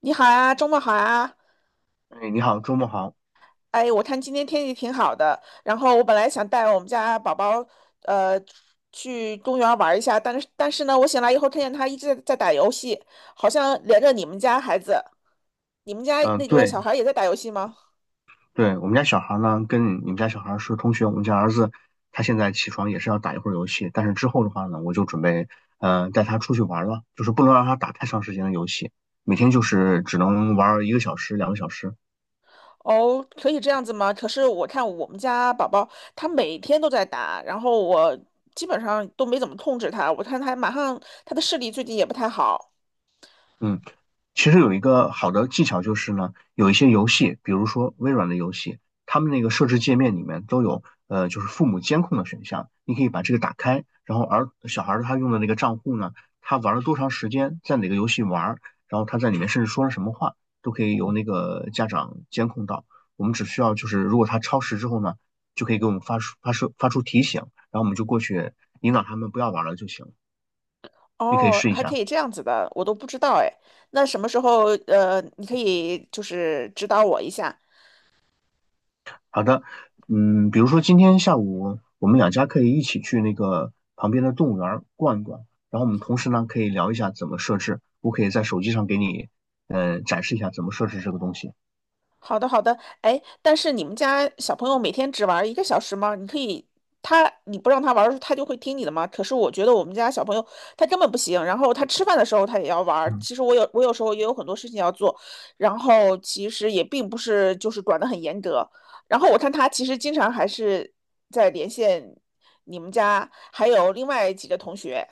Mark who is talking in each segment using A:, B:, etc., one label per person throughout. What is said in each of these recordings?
A: 你好啊，周末好啊！
B: 哎，你好，周末好。
A: 哎，我看今天天气挺好的，然后我本来想带我们家宝宝，呃，去公园玩一下，但是呢，我醒来以后看见他一直在打游戏，好像连着你们家孩子，你们家
B: 嗯，
A: 那对
B: 对
A: 小孩也在打游戏吗？
B: 对，我们家小孩呢，跟你们家小孩是同学。我们家儿子他现在起床也是要打一会儿游戏，但是之后的话呢，我就准备带他出去玩了，就是不能让他打太长时间的游戏，每天就是只能玩儿1个小时、两个小时。
A: 哦，可以这样子吗？可是我看我们家宝宝他每天都在打，然后我基本上都没怎么控制他，我看他马上他的视力最近也不太好。
B: 嗯。其实有一个好的技巧就是呢，有一些游戏，比如说微软的游戏，他们那个设置界面里面都有就是父母监控的选项。你可以把这个打开，然后小孩儿他用的那个账户呢，他玩了多长时间，在哪个游戏玩，然后他在里面甚至说了什么话，都可以由那个家长监控到。我们只需要就是如果他超时之后呢，就可以给我们发出提醒，然后我们就过去引导他们不要玩了就行了。你可以
A: 哦，
B: 试一
A: 还可
B: 下。
A: 以这样子的，我都不知道哎。那什么时候你可以就是指导我一下？
B: 好的。嗯，比如说今天下午我们两家可以一起去那个旁边的动物园儿逛一逛，然后我们同时呢可以聊一下怎么设置，我可以在手机上给你展示一下怎么设置这个东西。
A: 好的，好的。哎，但是你们家小朋友每天只玩一个小时吗？你可以，他你不让他玩儿，他就会听你的吗？可是我觉得我们家小朋友他根本不行，然后他吃饭的时候他也要玩儿，
B: 嗯，
A: 其实我有时候也有很多事情要做，然后其实也并不是就是管得很严格。然后我看他其实经常还是在连线你们家还有另外几个同学。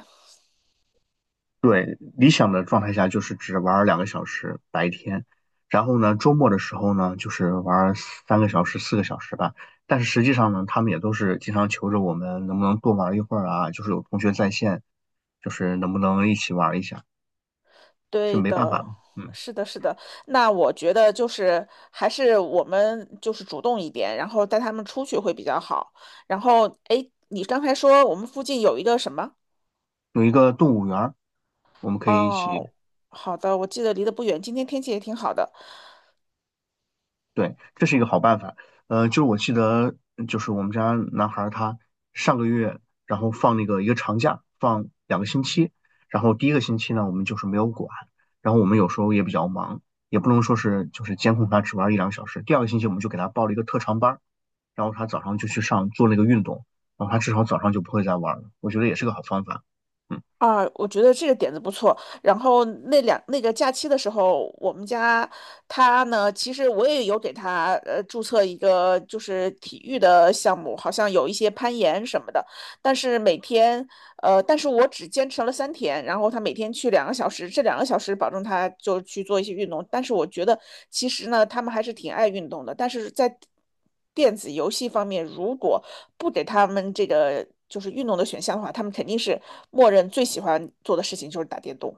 B: 对，理想的状态下就是只玩儿两个小时白天，然后呢周末的时候呢就是玩儿三个小时、4个小时吧。但是实际上呢，他们也都是经常求着我们能不能多玩一会儿啊，就是有同学在线，就是能不能一起玩一下，是
A: 对
B: 没办法
A: 的，
B: 的。嗯。
A: 是的，是的。那我觉得就是还是我们就是主动一点，然后带他们出去会比较好。然后，哎，你刚才说我们附近有一个什么？
B: 有一个动物园儿，我们可以一起。
A: 哦，好的，我记得离得不远，今天天气也挺好的。
B: 对，这是一个好办法。就是我记得，就是我们家男孩儿他上个月，然后放那个一个长假，放2个星期，然后第一个星期呢，我们就是没有管，然后我们有时候也比较忙，也不能说是就是监控他只玩一两小时。第二个星期我们就给他报了一个特长班儿，然后他早上就去上做那个运动，然后他至少早上就不会再玩了。我觉得也是个好方法。嗯。
A: 啊，我觉得这个点子不错。然后那个假期的时候，我们家他呢，其实我也有给他注册一个就是体育的项目，好像有一些攀岩什么的。但是每天但是我只坚持了三天，然后他每天去两个小时，这两个小时保证他就去做一些运动。但是我觉得其实呢，他们还是挺爱运动的，但是在电子游戏方面，如果不给他们这个就是运动的选项的话，他们肯定是默认最喜欢做的事情就是打电动。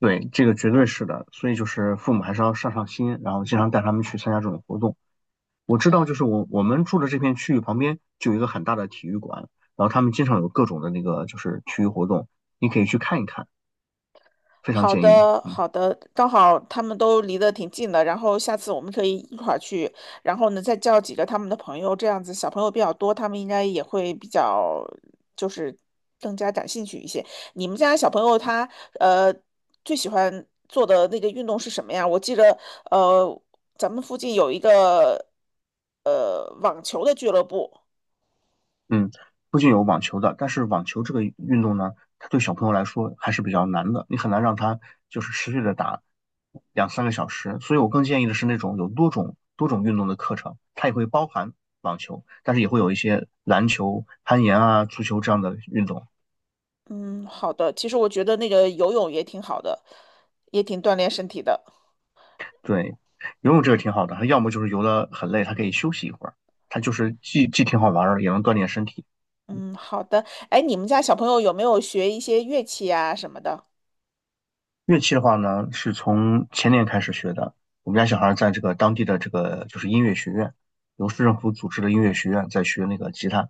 B: 对，这个绝对是的，所以就是父母还是要上上心，然后经常带他们去参加这种活动。我知道，就是我们住的这片区域旁边就有一个很大的体育馆，然后他们经常有各种的那个就是体育活动，你可以去看一看，非常
A: 好
B: 建议。
A: 的，
B: 嗯。
A: 好的，刚好他们都离得挺近的，然后下次我们可以一块儿去，然后呢再叫几个他们的朋友，这样子小朋友比较多，他们应该也会比较就是更加感兴趣一些。你们家小朋友他呃最喜欢做的那个运动是什么呀？我记得呃咱们附近有一个网球的俱乐部，
B: 嗯，不仅有网球的，但是网球这个运动呢，它对小朋友来说还是比较难的，你很难让他就是持续的打2、3个小时。所以我更建议的是那种有多种运动的课程，它也会包含网球，但是也会有一些篮球、攀岩啊、足球这样的运动。
A: 嗯，好的，其实我觉得那个游泳也挺好的，也挺锻炼身体的。
B: 对，游泳这个挺好的，它要么就是游得很累，他可以休息一会儿，它就是既挺好玩儿的，也能锻炼身体。
A: 嗯，好的。哎，你们家小朋友有没有学一些乐器啊什么的？
B: 乐器的话呢，是从前年开始学的。我们家小孩在这个当地的这个就是音乐学院，由市政府组织的音乐学院在学那个吉他。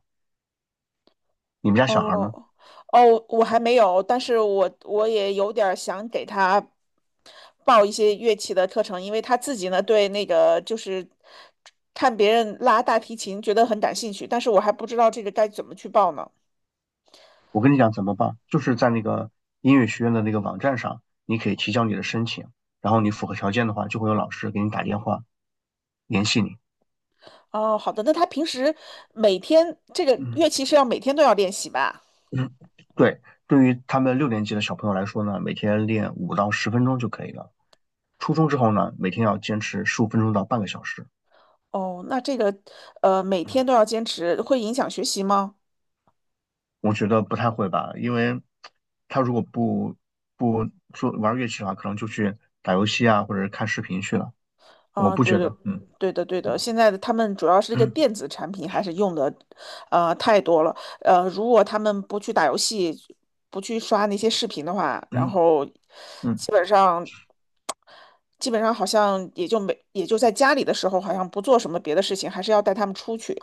B: 你们家小孩呢？
A: 哦，哦，我还没有，但是我也有点儿想给他报一些乐器的课程，因为他自己呢对那个就是看别人拉大提琴觉得很感兴趣，但是我还不知道这个该怎么去报呢。
B: 我跟你讲怎么办，就是在那个音乐学院的那个网站上，你可以提交你的申请，然后你符合条件的话，就会有老师给你打电话联系你。
A: 哦，好的，那他平时每天这个
B: 嗯
A: 乐器是要每天都要练习吧？
B: 嗯，对，对于他们6年级的小朋友来说呢，每天练5到10分钟就可以了。初中之后呢，每天要坚持15分钟到半个小时。
A: 哦，那这个每天都要坚持，会影响学习吗？
B: 我觉得不太会吧，因为他如果不玩乐器的话，可能就去打游戏啊，或者是看视频去了。我
A: 啊，
B: 不
A: 对
B: 觉
A: 的，
B: 得，嗯
A: 对的，对的。
B: 嗯
A: 现在的他们主要是这个
B: 嗯
A: 电子产品还是用的，太多了。如果他们不去打游戏，不去刷那些视频的话，然
B: 嗯
A: 后
B: 嗯。
A: 基本上，基本上好像也就没，也就在家里的时候，好像不做什么别的事情，还是要带他们出去。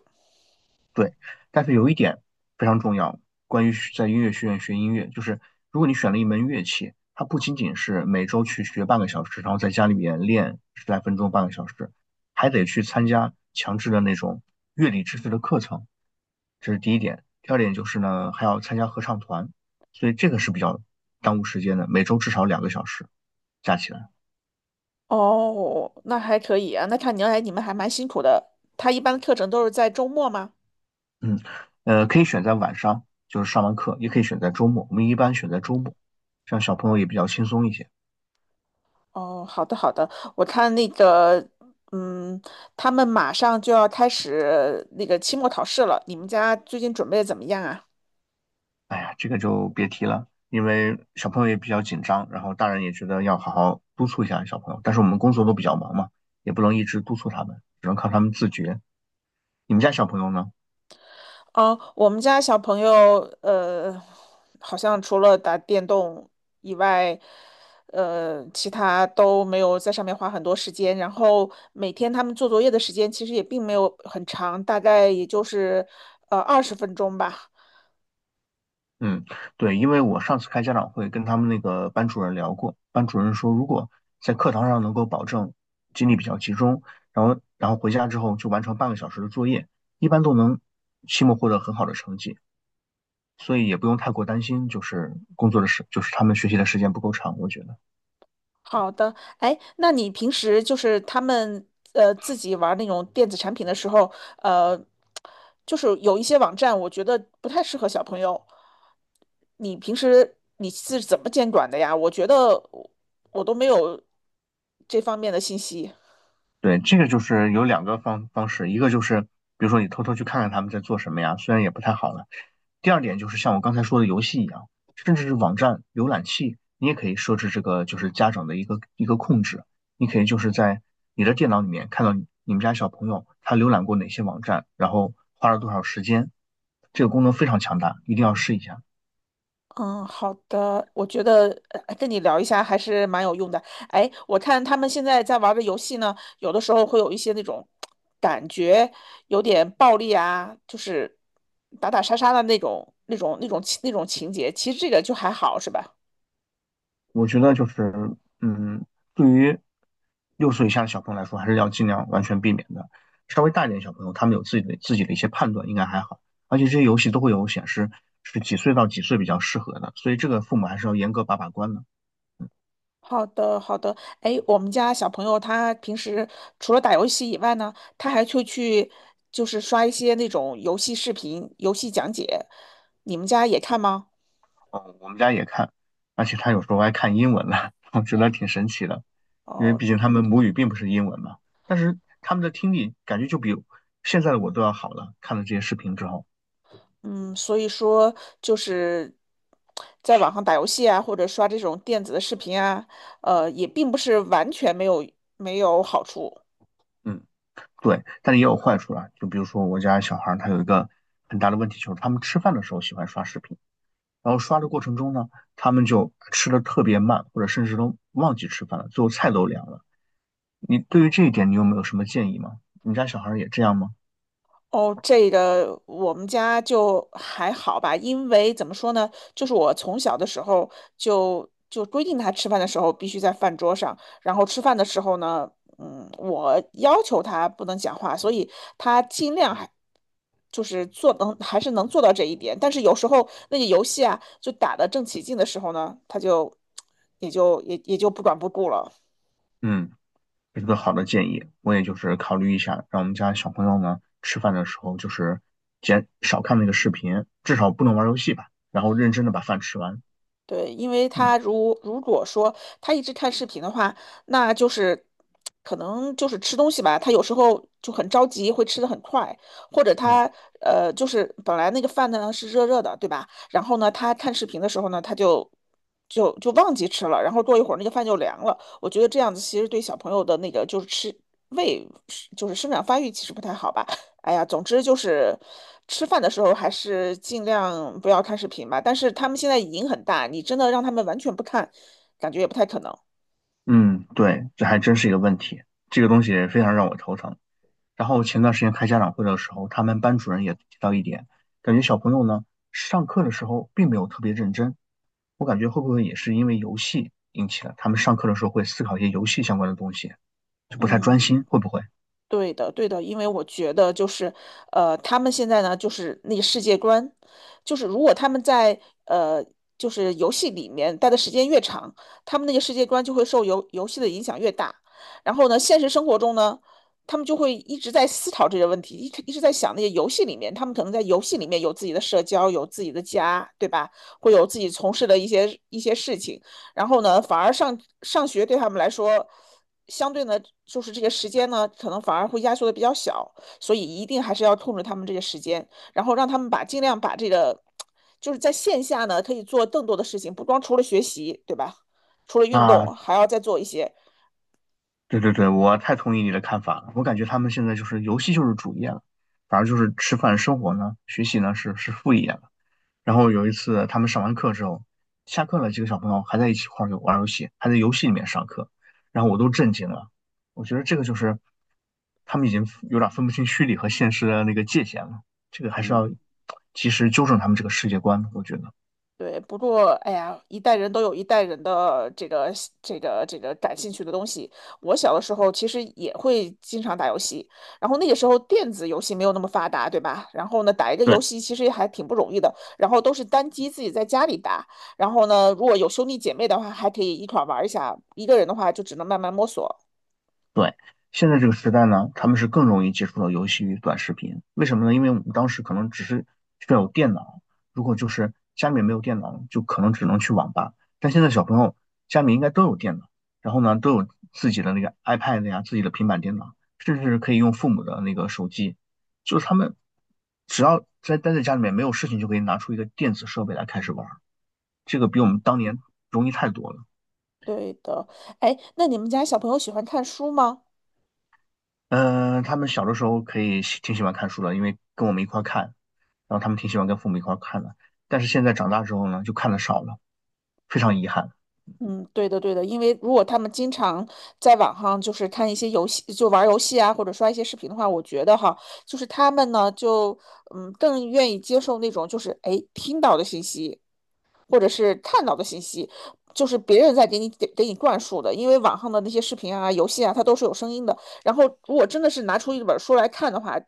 B: 对，但是有一点非常重要，关于在音乐学院学音乐，就是如果你选了一门乐器，它不仅仅是每周去学半个小时，然后在家里面练十来分钟、半个小时，还得去参加强制的那种乐理知识的课程，这是第一点。第二点就是呢，还要参加合唱团，所以这个是比较耽误时间的，每周至少两个小时加起来。
A: 哦，那还可以啊。那看你来你们还蛮辛苦的。他一般课程都是在周末吗？
B: 嗯，呃，可以选在晚上，就是上完课，也可以选在周末，我们一般选在周末，这样小朋友也比较轻松一些。
A: 哦，好的好的，我看那个，嗯，他们马上就要开始那个期末考试了，你们家最近准备的怎么样啊？
B: 哎呀，这个就别提了，因为小朋友也比较紧张，然后大人也觉得要好好督促一下小朋友，但是我们工作都比较忙嘛，也不能一直督促他们，只能靠他们自觉。你们家小朋友呢？
A: 嗯，我们家小朋友，呃，好像除了打电动以外，其他都没有在上面花很多时间。然后每天他们做作业的时间其实也并没有很长，大概也就是20分钟吧。
B: 嗯，对，因为我上次开家长会跟他们那个班主任聊过，班主任说如果在课堂上能够保证精力比较集中，然后回家之后就完成半个小时的作业，一般都能期末获得很好的成绩，所以也不用太过担心，就是工作的时，就是他们学习的时间不够长，我觉得。
A: 好的，哎，那你平时就是他们自己玩那种电子产品的时候，呃，就是有一些网站，我觉得不太适合小朋友。你平时你是怎么监管的呀？我觉得我我都没有这方面的信息。
B: 对，这个就是有两个方式，一个就是比如说你偷偷去看看他们在做什么呀，虽然也不太好了。第二点就是像我刚才说的游戏一样，甚至是网站浏览器，你也可以设置这个就是家长的一个控制，你可以就是在你的电脑里面看到你们家小朋友他浏览过哪些网站，然后花了多少时间。这个功能非常强大，一定要试一下。
A: 嗯，好的，我觉得跟你聊一下还是蛮有用的。哎，我看他们现在在玩的游戏呢，有的时候会有一些那种感觉有点暴力啊，就是打打杀杀的那种、那种情节。其实这个就还好，是吧？
B: 我觉得就是，嗯，对于6岁以下的小朋友来说，还是要尽量完全避免的。稍微大一点的小朋友，他们有自己的一些判断，应该还好。而且这些游戏都会有显示是几岁到几岁比较适合的，所以这个父母还是要严格把关的。
A: 好的，好的。哎，我们家小朋友他平时除了打游戏以外呢，他还会去就是刷一些那种游戏视频、游戏讲解。你们家也看吗？
B: 哦，我们家也看，而且他有时候还看英文的，我觉得挺神奇的，因为
A: 哦，
B: 毕竟他们母语并不是英文嘛。但是他们的听力感觉就比现在的我都要好了，看了这些视频之后。
A: 嗯，所以说就是在网上打游戏啊，或者刷这种电子的视频啊，也并不是完全没有好处。
B: 嗯。对，但是也有坏处啦。就比如说我家小孩儿他有一个很大的问题，就是他们吃饭的时候喜欢刷视频，然后刷的过程中呢，他们就吃的特别慢，或者甚至都忘记吃饭了，最后菜都凉了。你对于这一点，你有没有什么建议吗？你们家小孩儿也这样吗？
A: 哦，这个我们家就还好吧，因为怎么说呢，就是我从小的时候就规定他吃饭的时候必须在饭桌上，然后吃饭的时候呢，嗯，我要求他不能讲话，所以他尽量还就是做能还是能做到这一点，但是有时候那个游戏啊，就打得正起劲的时候呢，他就也就也也就不管不顾了。
B: 嗯，这是个好的建议，我也就是考虑一下，让我们家小朋友呢吃饭的时候就是减少看那个视频，至少不能玩游戏吧，然后认真的把饭吃完。
A: 对，因为
B: 嗯。
A: 他如果说他一直看视频的话，那就是可能就是吃东西吧，他有时候就很着急，会吃的很快，或者
B: 嗯，
A: 他就是本来那个饭呢是热热的，对吧？然后呢，他看视频的时候呢，他就忘记吃了，然后过一会儿那个饭就凉了。我觉得这样子其实对小朋友的那个就是吃胃就是生长发育其实不太好吧。哎呀，总之就是吃饭的时候还是尽量不要看视频吧。但是他们现在瘾很大，你真的让他们完全不看，感觉也不太可能。
B: 嗯，对，这还真是一个问题，这个东西非常让我头疼。然后前段时间开家长会的时候，他们班主任也提到一点，感觉小朋友呢上课的时候并没有特别认真。我感觉会不会也是因为游戏引起了他们上课的时候会思考一些游戏相关的东西，就不太专
A: 嗯。
B: 心，会不会？
A: 对的，对的，因为我觉得就是，他们现在呢，就是那个世界观，就是如果他们在呃，就是游戏里面待的时间越长，他们那个世界观就会受游戏的影响越大。然后呢，现实生活中呢，他们就会一直在思考这些问题，一直在想那些游戏里面，他们可能在游戏里面有自己的社交，有自己的家，对吧？会有自己从事的一些事情。然后呢，反而上学对他们来说。相对呢，就是这个时间呢，可能反而会压缩的比较小，所以一定还是要控制他们这个时间，然后让他们把尽量把这个，就是在线下呢可以做更多的事情，不光除了学习，对吧？除了运动，
B: 啊，
A: 还要再做一些。
B: 对对对，我太同意你的看法了。我感觉他们现在就是游戏就是主业了，反而就是吃饭、生活呢、学习呢是副业了。然后有一次他们上完课之后，下课了，几个小朋友还在一起玩游戏，还在游戏里面上课，然后我都震惊了。我觉得这个就是他们已经有点分不清虚拟和现实的那个界限了，这个还是
A: 嗯，
B: 要及时纠正他们这个世界观，我觉得。
A: 对，不过，哎呀，一代人都有一代人的这个这个感兴趣的东西。我小的时候其实也会经常打游戏，然后那个时候电子游戏没有那么发达，对吧？然后呢，打一个游
B: 对。
A: 戏其实也还挺不容易的，然后都是单机自己在家里打。然后呢，如果有兄弟姐妹的话，还可以一块儿玩一下；一个人的话，就只能慢慢摸索。
B: 对，现在这个时代呢，他们是更容易接触到游戏与短视频。为什么呢？因为我们当时可能只是需要有电脑，如果就是家里面没有电脑，就可能只能去网吧。但现在小朋友家里应该都有电脑，然后呢都有自己的那个 iPad 呀、自己的平板电脑，甚至可以用父母的那个手机。就是他们只要待在家里面没有事情，就可以拿出一个电子设备来开始玩儿，这个比我们当年容易太多了。
A: 对的，哎，那你们家小朋友喜欢看书吗？
B: 嗯、他们小的时候可以喜挺喜欢看书的，因为跟我们一块儿看，然后他们挺喜欢跟父母一块儿看的。但是现在长大之后呢，就看的少了，非常遗憾。
A: 嗯，对的，对的。因为如果他们经常在网上就是看一些游戏，就玩儿游戏啊，或者刷一些视频的话，我觉得哈，就是他们呢，就更愿意接受那种就是哎听到的信息，或者是看到的信息，就是别人在给你灌输的，因为网上的那些视频啊、游戏啊，它都是有声音的。然后如果真的是拿出一本书来看的话，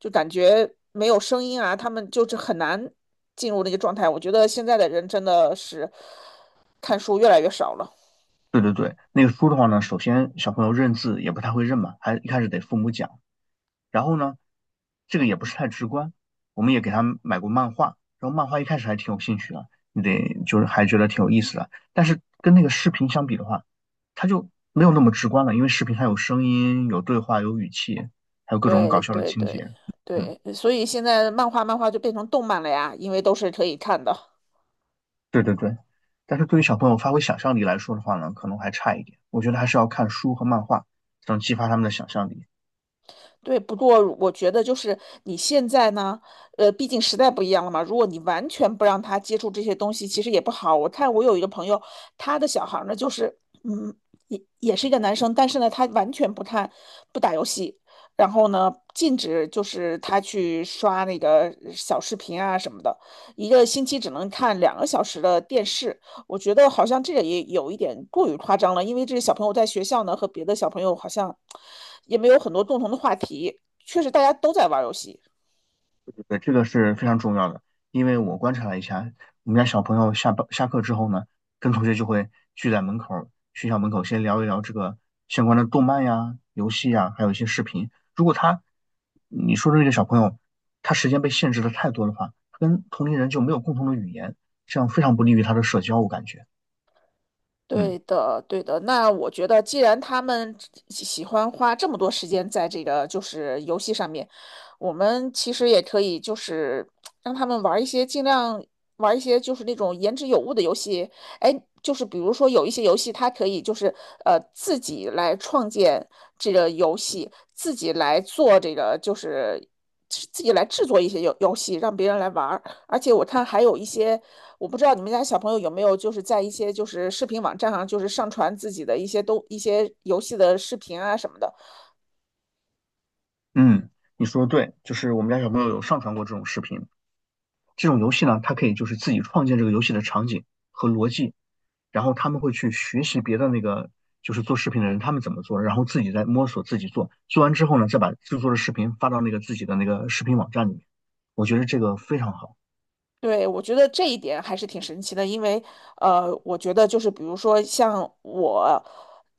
A: 就感觉没有声音啊，他们就是很难进入那个状态。我觉得现在的人真的是看书越来越少了。
B: 对对对，那个书的话呢，首先小朋友认字也不太会认嘛，还一开始得父母讲。然后呢，这个也不是太直观，我们也给他买过漫画，然后漫画一开始还挺有兴趣的，你得就是还觉得挺有意思的，但是跟那个视频相比的话，它就没有那么直观了，因为视频它有声音、有对话、有语气，还有各种搞
A: 对
B: 笑的
A: 对
B: 情
A: 对
B: 节。嗯，
A: 对，所以现在漫画就变成动漫了呀，因为都是可以看的。
B: 对对对。但是对于小朋友发挥想象力来说的话呢，可能还差一点。我觉得还是要看书和漫画，才能激发他们的想象力。
A: 对，不过我觉得就是你现在呢，毕竟时代不一样了嘛。如果你完全不让他接触这些东西，其实也不好。我看我有一个朋友，他的小孩儿呢，就是嗯，也是一个男生，但是呢，他完全不看不打游戏。然后呢，禁止就是他去刷那个小视频啊什么的，1个星期只能看2个小时的电视。我觉得好像这个也有一点过于夸张了，因为这个小朋友在学校呢和别的小朋友好像也没有很多共同的话题。确实，大家都在玩游戏。
B: 对，这个是非常重要的，因为我观察了一下，我们家小朋友下班下课之后呢，跟同学就会聚在门口儿学校门口先聊一聊这个相关的动漫呀、游戏呀，还有一些视频。如果他，你说的这个小朋友，他时间被限制的太多的话，他跟同龄人就没有共同的语言，这样非常不利于他的社交，我感觉。嗯
A: 对的，对的。那我觉得，既然他们喜欢花这么多时间在这个就是游戏上面，我们其实也可以就是让他们玩一些尽量玩一些就是那种言之有物的游戏。哎，就是比如说有一些游戏，它可以就是自己来创建这个游戏，自己来做这个就是自己来制作一些游戏，让别人来玩儿。而且我看还有一些，我不知道你们家小朋友有没有，就是在一些就是视频网站上，就是上传自己的一些游戏的视频啊什么的。
B: 嗯，你说的对，就是我们家小朋友有上传过这种视频。这种游戏呢，它可以就是自己创建这个游戏的场景和逻辑，然后他们会去学习别的那个就是做视频的人他们怎么做，然后自己再摸索自己做，做完之后呢，再把制作的视频发到那个自己的那个视频网站里面。我觉得这个非常好。
A: 对，我觉得这一点还是挺神奇的，因为我觉得就是比如说像我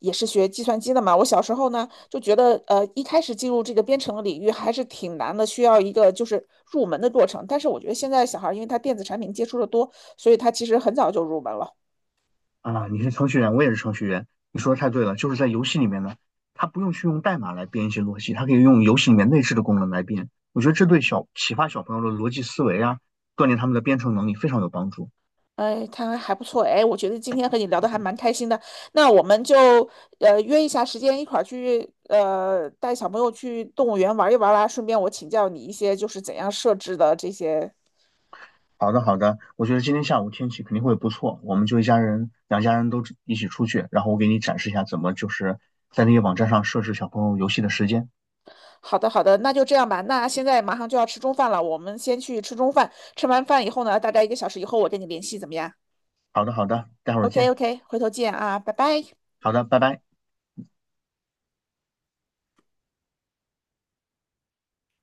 A: 也是学计算机的嘛，我小时候呢就觉得一开始进入这个编程的领域还是挺难的，需要一个就是入门的过程。但是我觉得现在小孩儿因为他电子产品接触的多，所以他其实很早就入门了。
B: 啊！你是程序员，我也是程序员，你说的太对了，就是在游戏里面呢，他不用去用代码来编一些逻辑，他可以用游戏里面内置的功能来编。我觉得这对小启发小朋友的逻辑思维啊，锻炼他们的编程能力非常有帮助。
A: 哎，他还不错哎，我觉得今天和你聊的还蛮开心的。那我们就约一下时间，一块儿去带小朋友去动物园玩一玩啦。顺便我请教你一些就是怎样设置的这些。
B: 好的，好的，我觉得今天下午天气肯定会不错，我们就一家人，两家人都一起出去，然后我给你展示一下怎么就是在那个网站上设置小朋友游戏的时间。
A: 好的，好的，那就这样吧。那现在马上就要吃中饭了，我们先去吃中饭。吃完饭以后呢，大概1个小时以后我跟你联系，怎么样
B: 好的，好的，待会儿
A: ？OK
B: 见。
A: OK,回头见啊，拜拜。
B: 好的，拜拜。